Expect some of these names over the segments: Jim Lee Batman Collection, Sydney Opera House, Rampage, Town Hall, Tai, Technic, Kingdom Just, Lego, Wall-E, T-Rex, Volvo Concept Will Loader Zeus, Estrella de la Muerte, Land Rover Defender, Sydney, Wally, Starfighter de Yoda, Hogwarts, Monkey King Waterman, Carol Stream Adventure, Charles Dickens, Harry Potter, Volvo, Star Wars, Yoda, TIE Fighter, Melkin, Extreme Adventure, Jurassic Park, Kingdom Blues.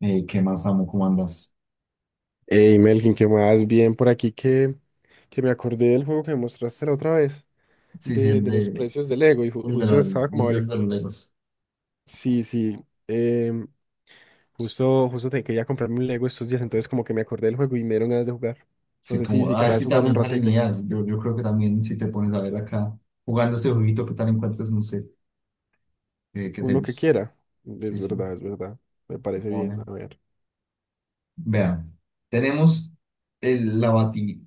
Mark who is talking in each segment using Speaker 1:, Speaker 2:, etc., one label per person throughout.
Speaker 1: ¿Qué más amo? ¿Cómo andas?
Speaker 2: Hey Melkin, ¿qué más? Bien por aquí que me acordé del juego que me mostraste la otra vez,
Speaker 1: Sí, sí,
Speaker 2: de, de los precios del Lego, y
Speaker 1: el de
Speaker 2: justo
Speaker 1: las
Speaker 2: estaba como...
Speaker 1: luces de los Legos.
Speaker 2: Sí, sí, em, justo te quería comprarme un Lego estos días, entonces como que me acordé del juego y me dieron ganas de jugar. No
Speaker 1: Sí,
Speaker 2: sé si,
Speaker 1: como,
Speaker 2: si
Speaker 1: a ver
Speaker 2: querrás
Speaker 1: si
Speaker 2: jugar un
Speaker 1: también salen
Speaker 2: ratico,
Speaker 1: ideas. Yo creo que también si te pones a ver acá, jugando este jueguito, ¿qué tal encuentras? No sé, que te
Speaker 2: uno que
Speaker 1: guste.
Speaker 2: quiera.
Speaker 1: Sí, sí,
Speaker 2: Es verdad, me parece bien,
Speaker 1: bueno.
Speaker 2: a ver.
Speaker 1: Vean, tenemos la bati,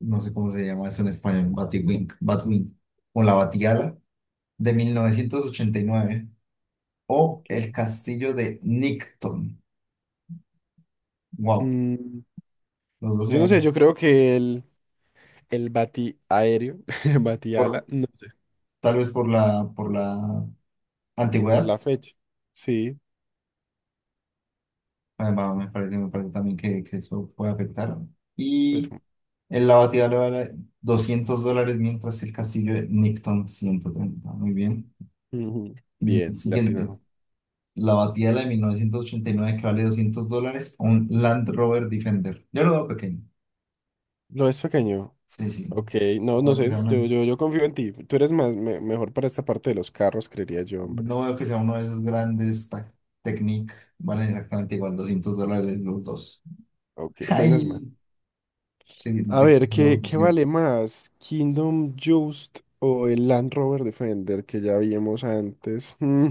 Speaker 1: no sé cómo se llama eso en español, batiwing, batwing, o la batiala de 1989 o el
Speaker 2: Ok.
Speaker 1: castillo de Nicton. Wow,
Speaker 2: Mm,
Speaker 1: los dos se
Speaker 2: yo no sé,
Speaker 1: ven,
Speaker 2: yo creo que el bati aéreo, batiala,
Speaker 1: por,
Speaker 2: no sé,
Speaker 1: tal vez por la
Speaker 2: por
Speaker 1: antigüedad,
Speaker 2: la fecha, sí.
Speaker 1: va, me parece también que eso puede afectar.
Speaker 2: Pues,
Speaker 1: Y el la batida le vale $200, mientras el castillo de Nixon 130. Muy bien.
Speaker 2: ujú.
Speaker 1: Mm,
Speaker 2: Bien,
Speaker 1: siguiente,
Speaker 2: latino.
Speaker 1: la batidora de 1989 que vale $200, un Land Rover Defender. Yo lo veo pequeño.
Speaker 2: Lo es pequeño.
Speaker 1: Sí, sí.
Speaker 2: Ok, no,
Speaker 1: No
Speaker 2: no
Speaker 1: veo que sea
Speaker 2: sé,
Speaker 1: una-
Speaker 2: yo confío en ti. Tú eres más, mejor para esta parte de los carros, creería yo, hombre.
Speaker 1: No veo que sea uno de esos Technic. Valen exactamente igual, $200 los dos.
Speaker 2: Ok, menos mal.
Speaker 1: Ay, sí, sí,
Speaker 2: A
Speaker 1: sí.
Speaker 2: ver, ¿qué
Speaker 1: Sí.
Speaker 2: vale más? ¿Kingdom Just o el Land Rover Defender que ya vimos antes?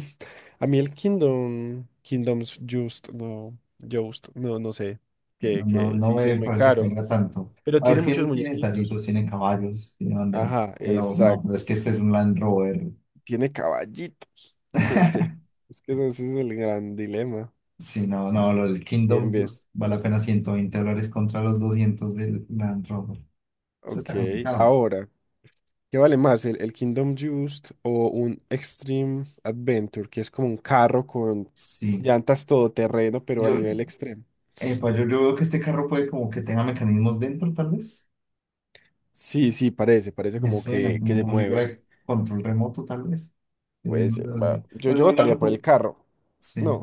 Speaker 2: A mí el Kingdom, Kingdoms Just, no, no sé,
Speaker 1: No,
Speaker 2: que,
Speaker 1: no,
Speaker 2: que
Speaker 1: no
Speaker 2: sí, sí es
Speaker 1: me
Speaker 2: muy
Speaker 1: parece que
Speaker 2: caro,
Speaker 1: venga tanto.
Speaker 2: pero
Speaker 1: A ver,
Speaker 2: tiene muchos
Speaker 1: ¿quién tiene
Speaker 2: muñequitos.
Speaker 1: detallitos? Tiene caballos, tiene banderín.
Speaker 2: Ajá,
Speaker 1: Pero no,
Speaker 2: exacto.
Speaker 1: pero es que este es un Land Rover.
Speaker 2: Tiene caballitos. No sé. Es que eso, ese es el gran dilema.
Speaker 1: Si no, no, lo del
Speaker 2: Bien,
Speaker 1: Kingdom
Speaker 2: bien.
Speaker 1: Blues vale apenas $120 contra los
Speaker 2: Just-
Speaker 1: 200 del Land Rover. Eso
Speaker 2: Ok,
Speaker 1: está complicado.
Speaker 2: ahora, ¿qué vale más? ¿El Kingdom Just o un Extreme Adventure, que es como un carro con
Speaker 1: Sí.
Speaker 2: llantas todoterreno, pero a
Speaker 1: Yo,
Speaker 2: nivel extremo?
Speaker 1: yo veo que este carro puede como que tenga mecanismos dentro, tal vez.
Speaker 2: Sí, sí, parece
Speaker 1: Me
Speaker 2: como
Speaker 1: suena
Speaker 2: que
Speaker 1: como,
Speaker 2: se
Speaker 1: como si
Speaker 2: mueve.
Speaker 1: fuera control remoto, tal vez. Es de-
Speaker 2: Pues va, yo,
Speaker 1: es
Speaker 2: yo
Speaker 1: muy
Speaker 2: votaría por el
Speaker 1: maluco.
Speaker 2: carro.
Speaker 1: Sí.
Speaker 2: No,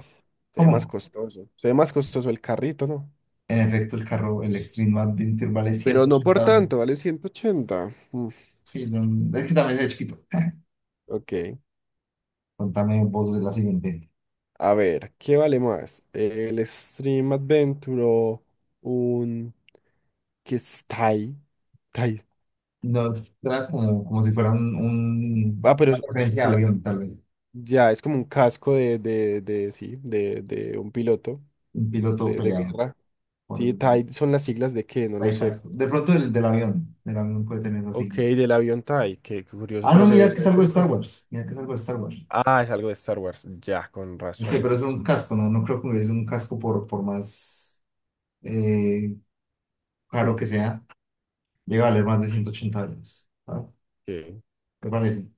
Speaker 2: se ve más
Speaker 1: ¿Cómo?
Speaker 2: costoso. Se ve más costoso el carrito, ¿no?
Speaker 1: En efecto, el carro, el Extreme Adventure vale
Speaker 2: Pero no por
Speaker 1: 180 dólares.
Speaker 2: tanto, vale 180. Mm,
Speaker 1: Sí, no, es que también es de chiquito.
Speaker 2: ok.
Speaker 1: Contame vos de la siguiente.
Speaker 2: A ver, ¿qué vale más? ¿El Stream Adventure o un... que es Tai? Tai.
Speaker 1: No, era como, como si fuera
Speaker 2: Ah,
Speaker 1: un-
Speaker 2: pero
Speaker 1: una referencia de
Speaker 2: claro,
Speaker 1: avión, tal vez.
Speaker 2: ya es como un casco de sí, de un piloto
Speaker 1: Un piloto
Speaker 2: de
Speaker 1: peleado,
Speaker 2: guerra.
Speaker 1: por
Speaker 2: Sí,
Speaker 1: decirlo.
Speaker 2: Tai son las siglas de qué, no lo sé.
Speaker 1: Sci-fi. De pronto el del avión. El avión puede tener así.
Speaker 2: Ok, del avión Tai, qué curioso,
Speaker 1: Ah, no,
Speaker 2: pero se
Speaker 1: mira
Speaker 2: ve,
Speaker 1: que
Speaker 2: se
Speaker 1: es
Speaker 2: ve
Speaker 1: algo de Star
Speaker 2: costoso.
Speaker 1: Wars. Mira que es algo de Star Wars.
Speaker 2: Ah, es algo de Star Wars, ya, con
Speaker 1: Ok,
Speaker 2: razón.
Speaker 1: pero es un casco, ¿no? No creo que es un casco por más eh, caro
Speaker 2: Hmm,
Speaker 1: que sea. Llega a valer más de 180 dólares. ¿Sabes?
Speaker 2: ok.
Speaker 1: ¿Te parece?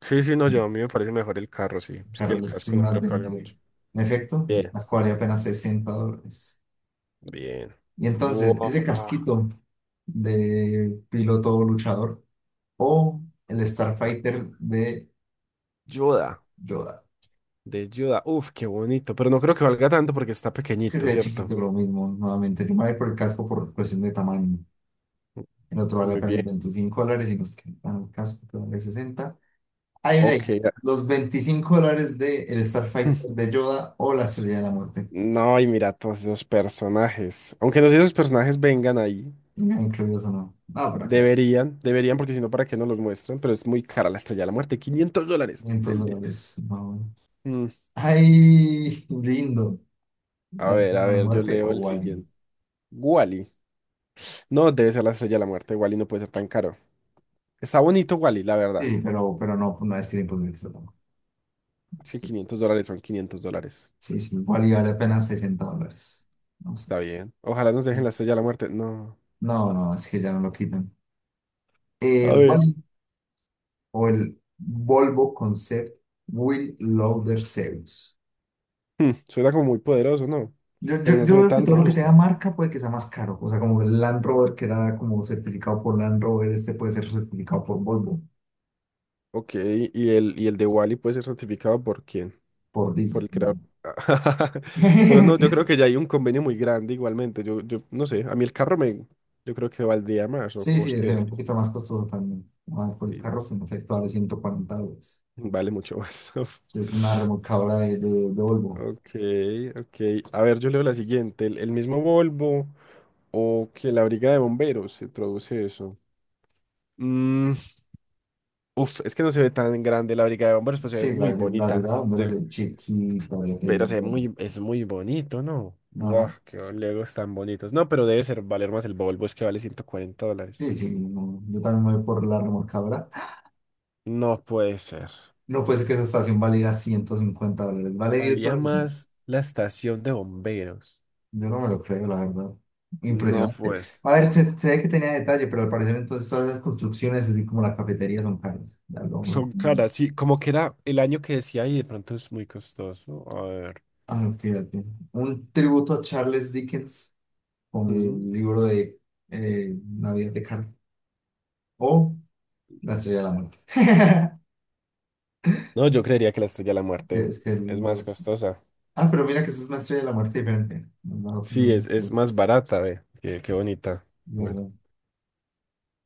Speaker 2: Sí, sí, no, yo a mí me parece mejor el carro, sí. Es que el
Speaker 1: Carol
Speaker 2: casco
Speaker 1: Stream
Speaker 2: no creo que valga
Speaker 1: Adventure.
Speaker 2: mucho.
Speaker 1: En efecto,
Speaker 2: Bien.
Speaker 1: las cobraría apenas $60.
Speaker 2: Bien.
Speaker 1: Y entonces, ese
Speaker 2: Buah.
Speaker 1: casquito de piloto luchador o el Starfighter de
Speaker 2: Yoda,
Speaker 1: Yoda.
Speaker 2: de Yoda. Uf, qué bonito. Pero no creo que valga tanto porque está
Speaker 1: Es que se
Speaker 2: pequeñito,
Speaker 1: ve
Speaker 2: ¿cierto?
Speaker 1: chiquito lo mismo, nuevamente. Yo me voy por el casco por cuestión de tamaño. El otro vale
Speaker 2: Muy bien.
Speaker 1: apenas $25 y nos quedan el casco que vale 60. Ahí,
Speaker 2: Ok.
Speaker 1: ahí, los $25 de el Starfighter de Yoda o la Estrella de la Muerte.
Speaker 2: No, y mira todos esos personajes. Aunque no sé si esos personajes vengan ahí.
Speaker 1: Ya incluidos o no. Ah, por acá.
Speaker 2: Deberían, deberían, porque si no, ¿para qué no los muestran? Pero es muy cara la estrella de la muerte. $500
Speaker 1: 500
Speaker 2: el día.
Speaker 1: dólares. No.
Speaker 2: Mm,
Speaker 1: Ay, lindo. La Estrella
Speaker 2: A
Speaker 1: de la
Speaker 2: ver, yo
Speaker 1: Muerte
Speaker 2: leo
Speaker 1: o
Speaker 2: el
Speaker 1: Wally.
Speaker 2: siguiente. Wally. No, debe ser la estrella de la muerte. Wally no puede ser tan caro. Está bonito Wally, la verdad.
Speaker 1: Sí, pero no, no es que era imposible que se ponga.
Speaker 2: Es que $500 son $500.
Speaker 1: Sí, sí, Wally vale apenas $60. No sé.
Speaker 2: Está bien. Ojalá nos dejen la estrella de la muerte. No.
Speaker 1: No, no, es que ya no lo quitan.
Speaker 2: A ver.
Speaker 1: Wall-E o el Volvo Concept Will Loader Zeus.
Speaker 2: Suena como muy poderoso, ¿no?
Speaker 1: Yo, yo,
Speaker 2: Pero no se
Speaker 1: yo
Speaker 2: ve
Speaker 1: creo que
Speaker 2: tan
Speaker 1: todo lo que tenga
Speaker 2: robusto.
Speaker 1: marca puede que sea más caro. O sea, como el Land Rover que era como certificado por Land Rover, este puede ser certificado por Volvo,
Speaker 2: Ok, y el de Wally puede ser certificado por quién?
Speaker 1: por
Speaker 2: Por el creador.
Speaker 1: Disney.
Speaker 2: Pero no, yo creo que ya hay un convenio muy grande igualmente. Yo no sé, a mí el carro me, yo creo que valdría más, o
Speaker 1: Sí, sí,
Speaker 2: vos
Speaker 1: es
Speaker 2: qué
Speaker 1: un
Speaker 2: decís.
Speaker 1: poquito más costoso también. Ah, por el carro
Speaker 2: Sí,
Speaker 1: sin efecto vale 140 dólares.
Speaker 2: vale mucho más.
Speaker 1: Sí, es una remolcadora de Volvo.
Speaker 2: Ok, ok. A ver, yo leo la siguiente. El mismo Volvo o que la briga de bomberos se traduce eso. Mm, Uf, es que no se ve tan grande la brigada de bomberos, pero se ve
Speaker 1: Sí, la,
Speaker 2: muy
Speaker 1: la
Speaker 2: bonita.
Speaker 1: verdad, hombre, es de chiquita, ya te digo,
Speaker 2: Pero se ve
Speaker 1: bueno.
Speaker 2: muy, es muy bonito, ¿no? Buah,
Speaker 1: Ajá.
Speaker 2: qué legos tan bonitos. No, pero debe ser valer más el Volvo, es que vale $140.
Speaker 1: Sí, sí, no, yo también me voy por la remolcadora.
Speaker 2: No puede ser.
Speaker 1: No puede ser que esa estación valiera 150 dólares. Vale 10
Speaker 2: Valía
Speaker 1: dólares. No,
Speaker 2: más la estación de bomberos.
Speaker 1: yo no me lo creo, la verdad.
Speaker 2: No,
Speaker 1: Impresionante.
Speaker 2: pues.
Speaker 1: A ver, se ve que tenía detalle, pero al parecer entonces todas las construcciones, así como la cafetería, son caras. Ya lo vamos a...
Speaker 2: Son
Speaker 1: poner.
Speaker 2: caras, sí. Como que era el año que decía y de pronto es muy costoso. A ver.
Speaker 1: Ah, fíjate. Un tributo a Charles Dickens con el
Speaker 2: Mm.
Speaker 1: libro de Navidad de Kant o La Estrella de la Muerte.
Speaker 2: No, yo creería que la Estrella de la Muerte
Speaker 1: Es que
Speaker 2: es más
Speaker 1: los...
Speaker 2: costosa.
Speaker 1: Ah, pero mira que eso es una Estrella de la Muerte diferente. No, no,
Speaker 2: Sí, es,
Speaker 1: no,
Speaker 2: es
Speaker 1: no,
Speaker 2: más barata, ve. Qué bonita. Bueno.
Speaker 1: verdad.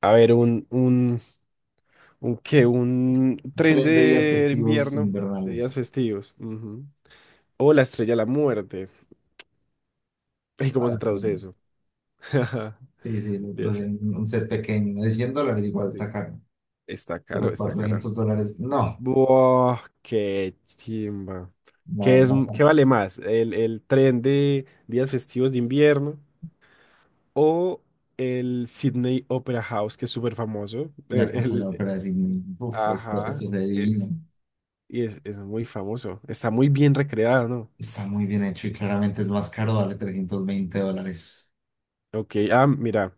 Speaker 2: A ver, un qué, un tren
Speaker 1: Tren de días
Speaker 2: de
Speaker 1: festivos
Speaker 2: invierno de días
Speaker 1: invernales.
Speaker 2: festivos. Ujú. O la estrella de la muerte. ¿Y
Speaker 1: Ah,
Speaker 2: cómo se
Speaker 1: sí,
Speaker 2: traduce
Speaker 1: no.
Speaker 2: eso?
Speaker 1: Sí, sí, lo
Speaker 2: Días-
Speaker 1: de un set pequeño. De $100 igual
Speaker 2: sí.
Speaker 1: está caro.
Speaker 2: Está caro,
Speaker 1: Pero
Speaker 2: está caro.
Speaker 1: $400, no.
Speaker 2: Buah, qué chimba.
Speaker 1: La
Speaker 2: ¿Qué es,
Speaker 1: verdad,
Speaker 2: qué
Speaker 1: no.
Speaker 2: vale más? ¿El tren de días festivos de invierno o el Sydney Opera House, que es súper famoso?
Speaker 1: La
Speaker 2: El,
Speaker 1: casa de la
Speaker 2: el-
Speaker 1: ópera de Sydney. Uf, esto
Speaker 2: ajá,
Speaker 1: se ve divino.
Speaker 2: es, y es muy famoso. Está muy bien recreado, ¿no?
Speaker 1: Está muy bien hecho y claramente es más caro, vale $320.
Speaker 2: Ok, ah, mira,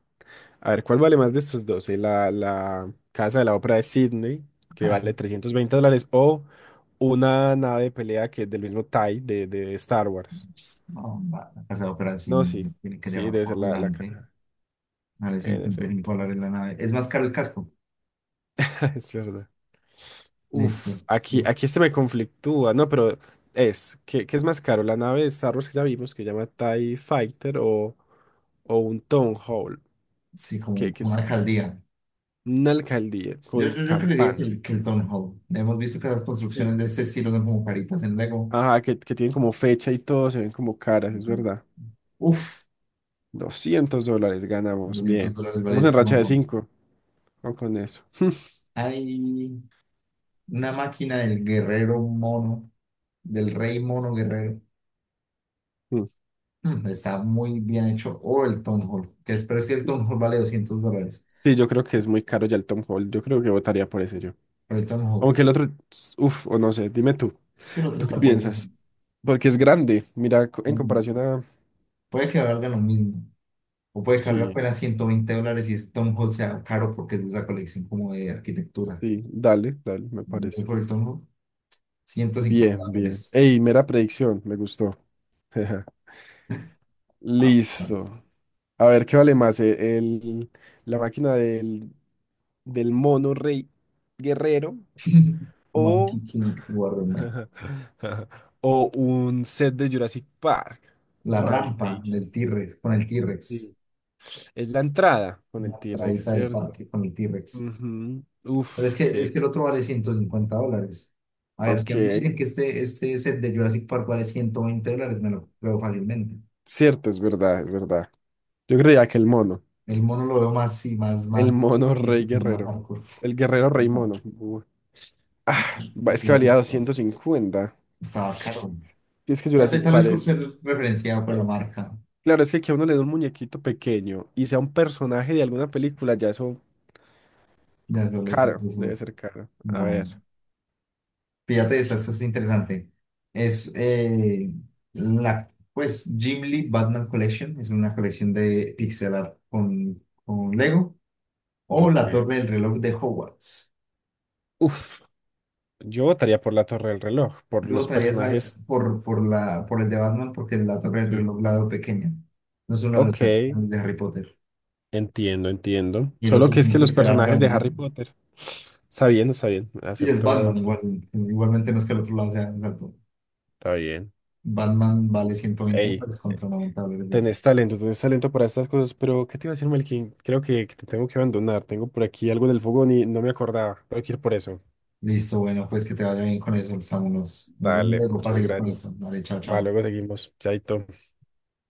Speaker 2: a ver, ¿cuál vale más de estos dos? La casa de la ópera de Sydney, que vale $320, o una nave de pelea que es del mismo TIE de Star Wars.
Speaker 1: No, va, la casa de ópera sí
Speaker 2: No, sí,
Speaker 1: me tiene que
Speaker 2: sí,
Speaker 1: llevar
Speaker 2: debe ser la
Speaker 1: adelante.
Speaker 2: caja.
Speaker 1: Vale
Speaker 2: En
Speaker 1: 55
Speaker 2: efecto,
Speaker 1: dólares la nave. Es más caro el casco.
Speaker 2: es verdad.
Speaker 1: Listo.
Speaker 2: Uf, aquí,
Speaker 1: Yo-
Speaker 2: aquí este me conflictúa, no, pero ¿qué es más caro? La nave de Star Wars que ya vimos, que llama TIE Fighter, o un Town Hall,
Speaker 1: Sí, como
Speaker 2: que
Speaker 1: como una
Speaker 2: es
Speaker 1: alcaldía.
Speaker 2: una alcaldía
Speaker 1: Yo,
Speaker 2: con
Speaker 1: yo, yo creería que
Speaker 2: campana.
Speaker 1: que el Hall. Hemos visto que las construcciones
Speaker 2: Sí,
Speaker 1: de este estilo son como caritas en Lego.
Speaker 2: ajá, que tienen como fecha y todo, se ven como caras, es
Speaker 1: Y-
Speaker 2: verdad.
Speaker 1: Uf,
Speaker 2: $200 ganamos,
Speaker 1: 200
Speaker 2: bien.
Speaker 1: dólares vale
Speaker 2: Vamos
Speaker 1: el
Speaker 2: en racha
Speaker 1: Town
Speaker 2: de
Speaker 1: Hall.
Speaker 2: 5, con eso.
Speaker 1: Hay una máquina del guerrero mono, del rey mono guerrero.
Speaker 2: Mm.
Speaker 1: Mm, está muy bien hecho. O el Town Hall. Que es, pero es que el Town Hall vale $200.
Speaker 2: Sí, yo creo que es muy caro ya el Tom Hall, yo creo que votaría por ese yo.
Speaker 1: Pero el Town Hall...
Speaker 2: Aunque el otro, uf, o no sé, dime tú,
Speaker 1: Es que el otro
Speaker 2: ¿tú qué
Speaker 1: está poderoso.
Speaker 2: piensas? Porque es grande, mira, en
Speaker 1: No, no.
Speaker 2: comparación a...
Speaker 1: Puede que valga lo mismo. O puede que valga
Speaker 2: Sí,
Speaker 1: apenas $120 y ese Tom Hall sea caro porque es de esa colección como de arquitectura.
Speaker 2: sí, dale, dale, me
Speaker 1: Voy
Speaker 2: parece.
Speaker 1: por el Tom Hall, 150
Speaker 2: Bien, bien.
Speaker 1: dólares.
Speaker 2: Ey, mera predicción, me gustó.
Speaker 1: Ah, bueno.
Speaker 2: Listo. A ver, ¿qué vale más? La máquina del mono rey guerrero
Speaker 1: Monkey
Speaker 2: o,
Speaker 1: King Waterman.
Speaker 2: o un set de Jurassic Park,
Speaker 1: La rampa
Speaker 2: Rampage.
Speaker 1: del T-Rex, con el T-Rex.
Speaker 2: Sí. Es la entrada con el
Speaker 1: La
Speaker 2: T-Rex,
Speaker 1: traída del
Speaker 2: ¿cierto?
Speaker 1: parque con el T-Rex.
Speaker 2: Ujú.
Speaker 1: Pero
Speaker 2: Uf,
Speaker 1: es
Speaker 2: que,
Speaker 1: que el
Speaker 2: que-
Speaker 1: otro vale $150. A ver, si
Speaker 2: Ok,
Speaker 1: a mí me dicen que este set de Jurassic Park vale $120, me lo creo fácilmente.
Speaker 2: cierto, es verdad, es verdad. Yo creía que
Speaker 1: El mono lo veo más, sí, más,
Speaker 2: el
Speaker 1: más
Speaker 2: mono rey
Speaker 1: difícil, más
Speaker 2: guerrero,
Speaker 1: hardcore.
Speaker 2: el guerrero rey
Speaker 1: No,
Speaker 2: mono. Uy. Ah, es
Speaker 1: y
Speaker 2: que
Speaker 1: la vi,
Speaker 2: valía 250.
Speaker 1: estaba caro.
Speaker 2: Y es que Jurassic
Speaker 1: Tal
Speaker 2: Park
Speaker 1: vez por ser
Speaker 2: es...
Speaker 1: referenciado por la marca.
Speaker 2: Claro, es que a uno le dé un muñequito pequeño y sea un personaje de alguna película, ya eso.
Speaker 1: Ya solo eso,
Speaker 2: Caro, debe
Speaker 1: eso,
Speaker 2: ser caro. A ver.
Speaker 1: bueno, fíjate, esta es interesante. Es la, pues, Jim Lee Batman Collection. Es una colección de pixel art con Lego. O
Speaker 2: Ok,
Speaker 1: la Torre del Reloj de Hogwarts.
Speaker 2: uf, yo votaría por la Torre del Reloj, por
Speaker 1: Yo
Speaker 2: los
Speaker 1: votaría, ¿sabes?
Speaker 2: personajes.
Speaker 1: Por el de Batman, porque la torre del
Speaker 2: Sí.
Speaker 1: reloj la veo pequeña. No son las
Speaker 2: Ok,
Speaker 1: de Harry Potter.
Speaker 2: entiendo, entiendo.
Speaker 1: Y el
Speaker 2: Solo
Speaker 1: otro
Speaker 2: que
Speaker 1: es
Speaker 2: es
Speaker 1: un
Speaker 2: que los
Speaker 1: pixel art
Speaker 2: personajes de Harry
Speaker 1: grandecito.
Speaker 2: Potter. Está bien, está bien.
Speaker 1: Y es
Speaker 2: Acepto.
Speaker 1: Batman, igual, igualmente no es que el otro lado sea más alto.
Speaker 2: Está bien.
Speaker 1: Batman vale 120
Speaker 2: Ey,
Speaker 1: dólares contra $90. De-
Speaker 2: tenés talento para estas cosas, pero ¿qué te iba a decir, Melkin? Creo que te tengo que abandonar. Tengo por aquí algo del fogón y no me acordaba. Tengo que ir por eso.
Speaker 1: Listo, bueno, pues que te vaya bien con eso, Samu. Nos, nos vemos
Speaker 2: Dale,
Speaker 1: luego para
Speaker 2: muchas
Speaker 1: seguir con
Speaker 2: gracias.
Speaker 1: esto. Dale, chao,
Speaker 2: Va,
Speaker 1: chao.
Speaker 2: luego seguimos. Chaito.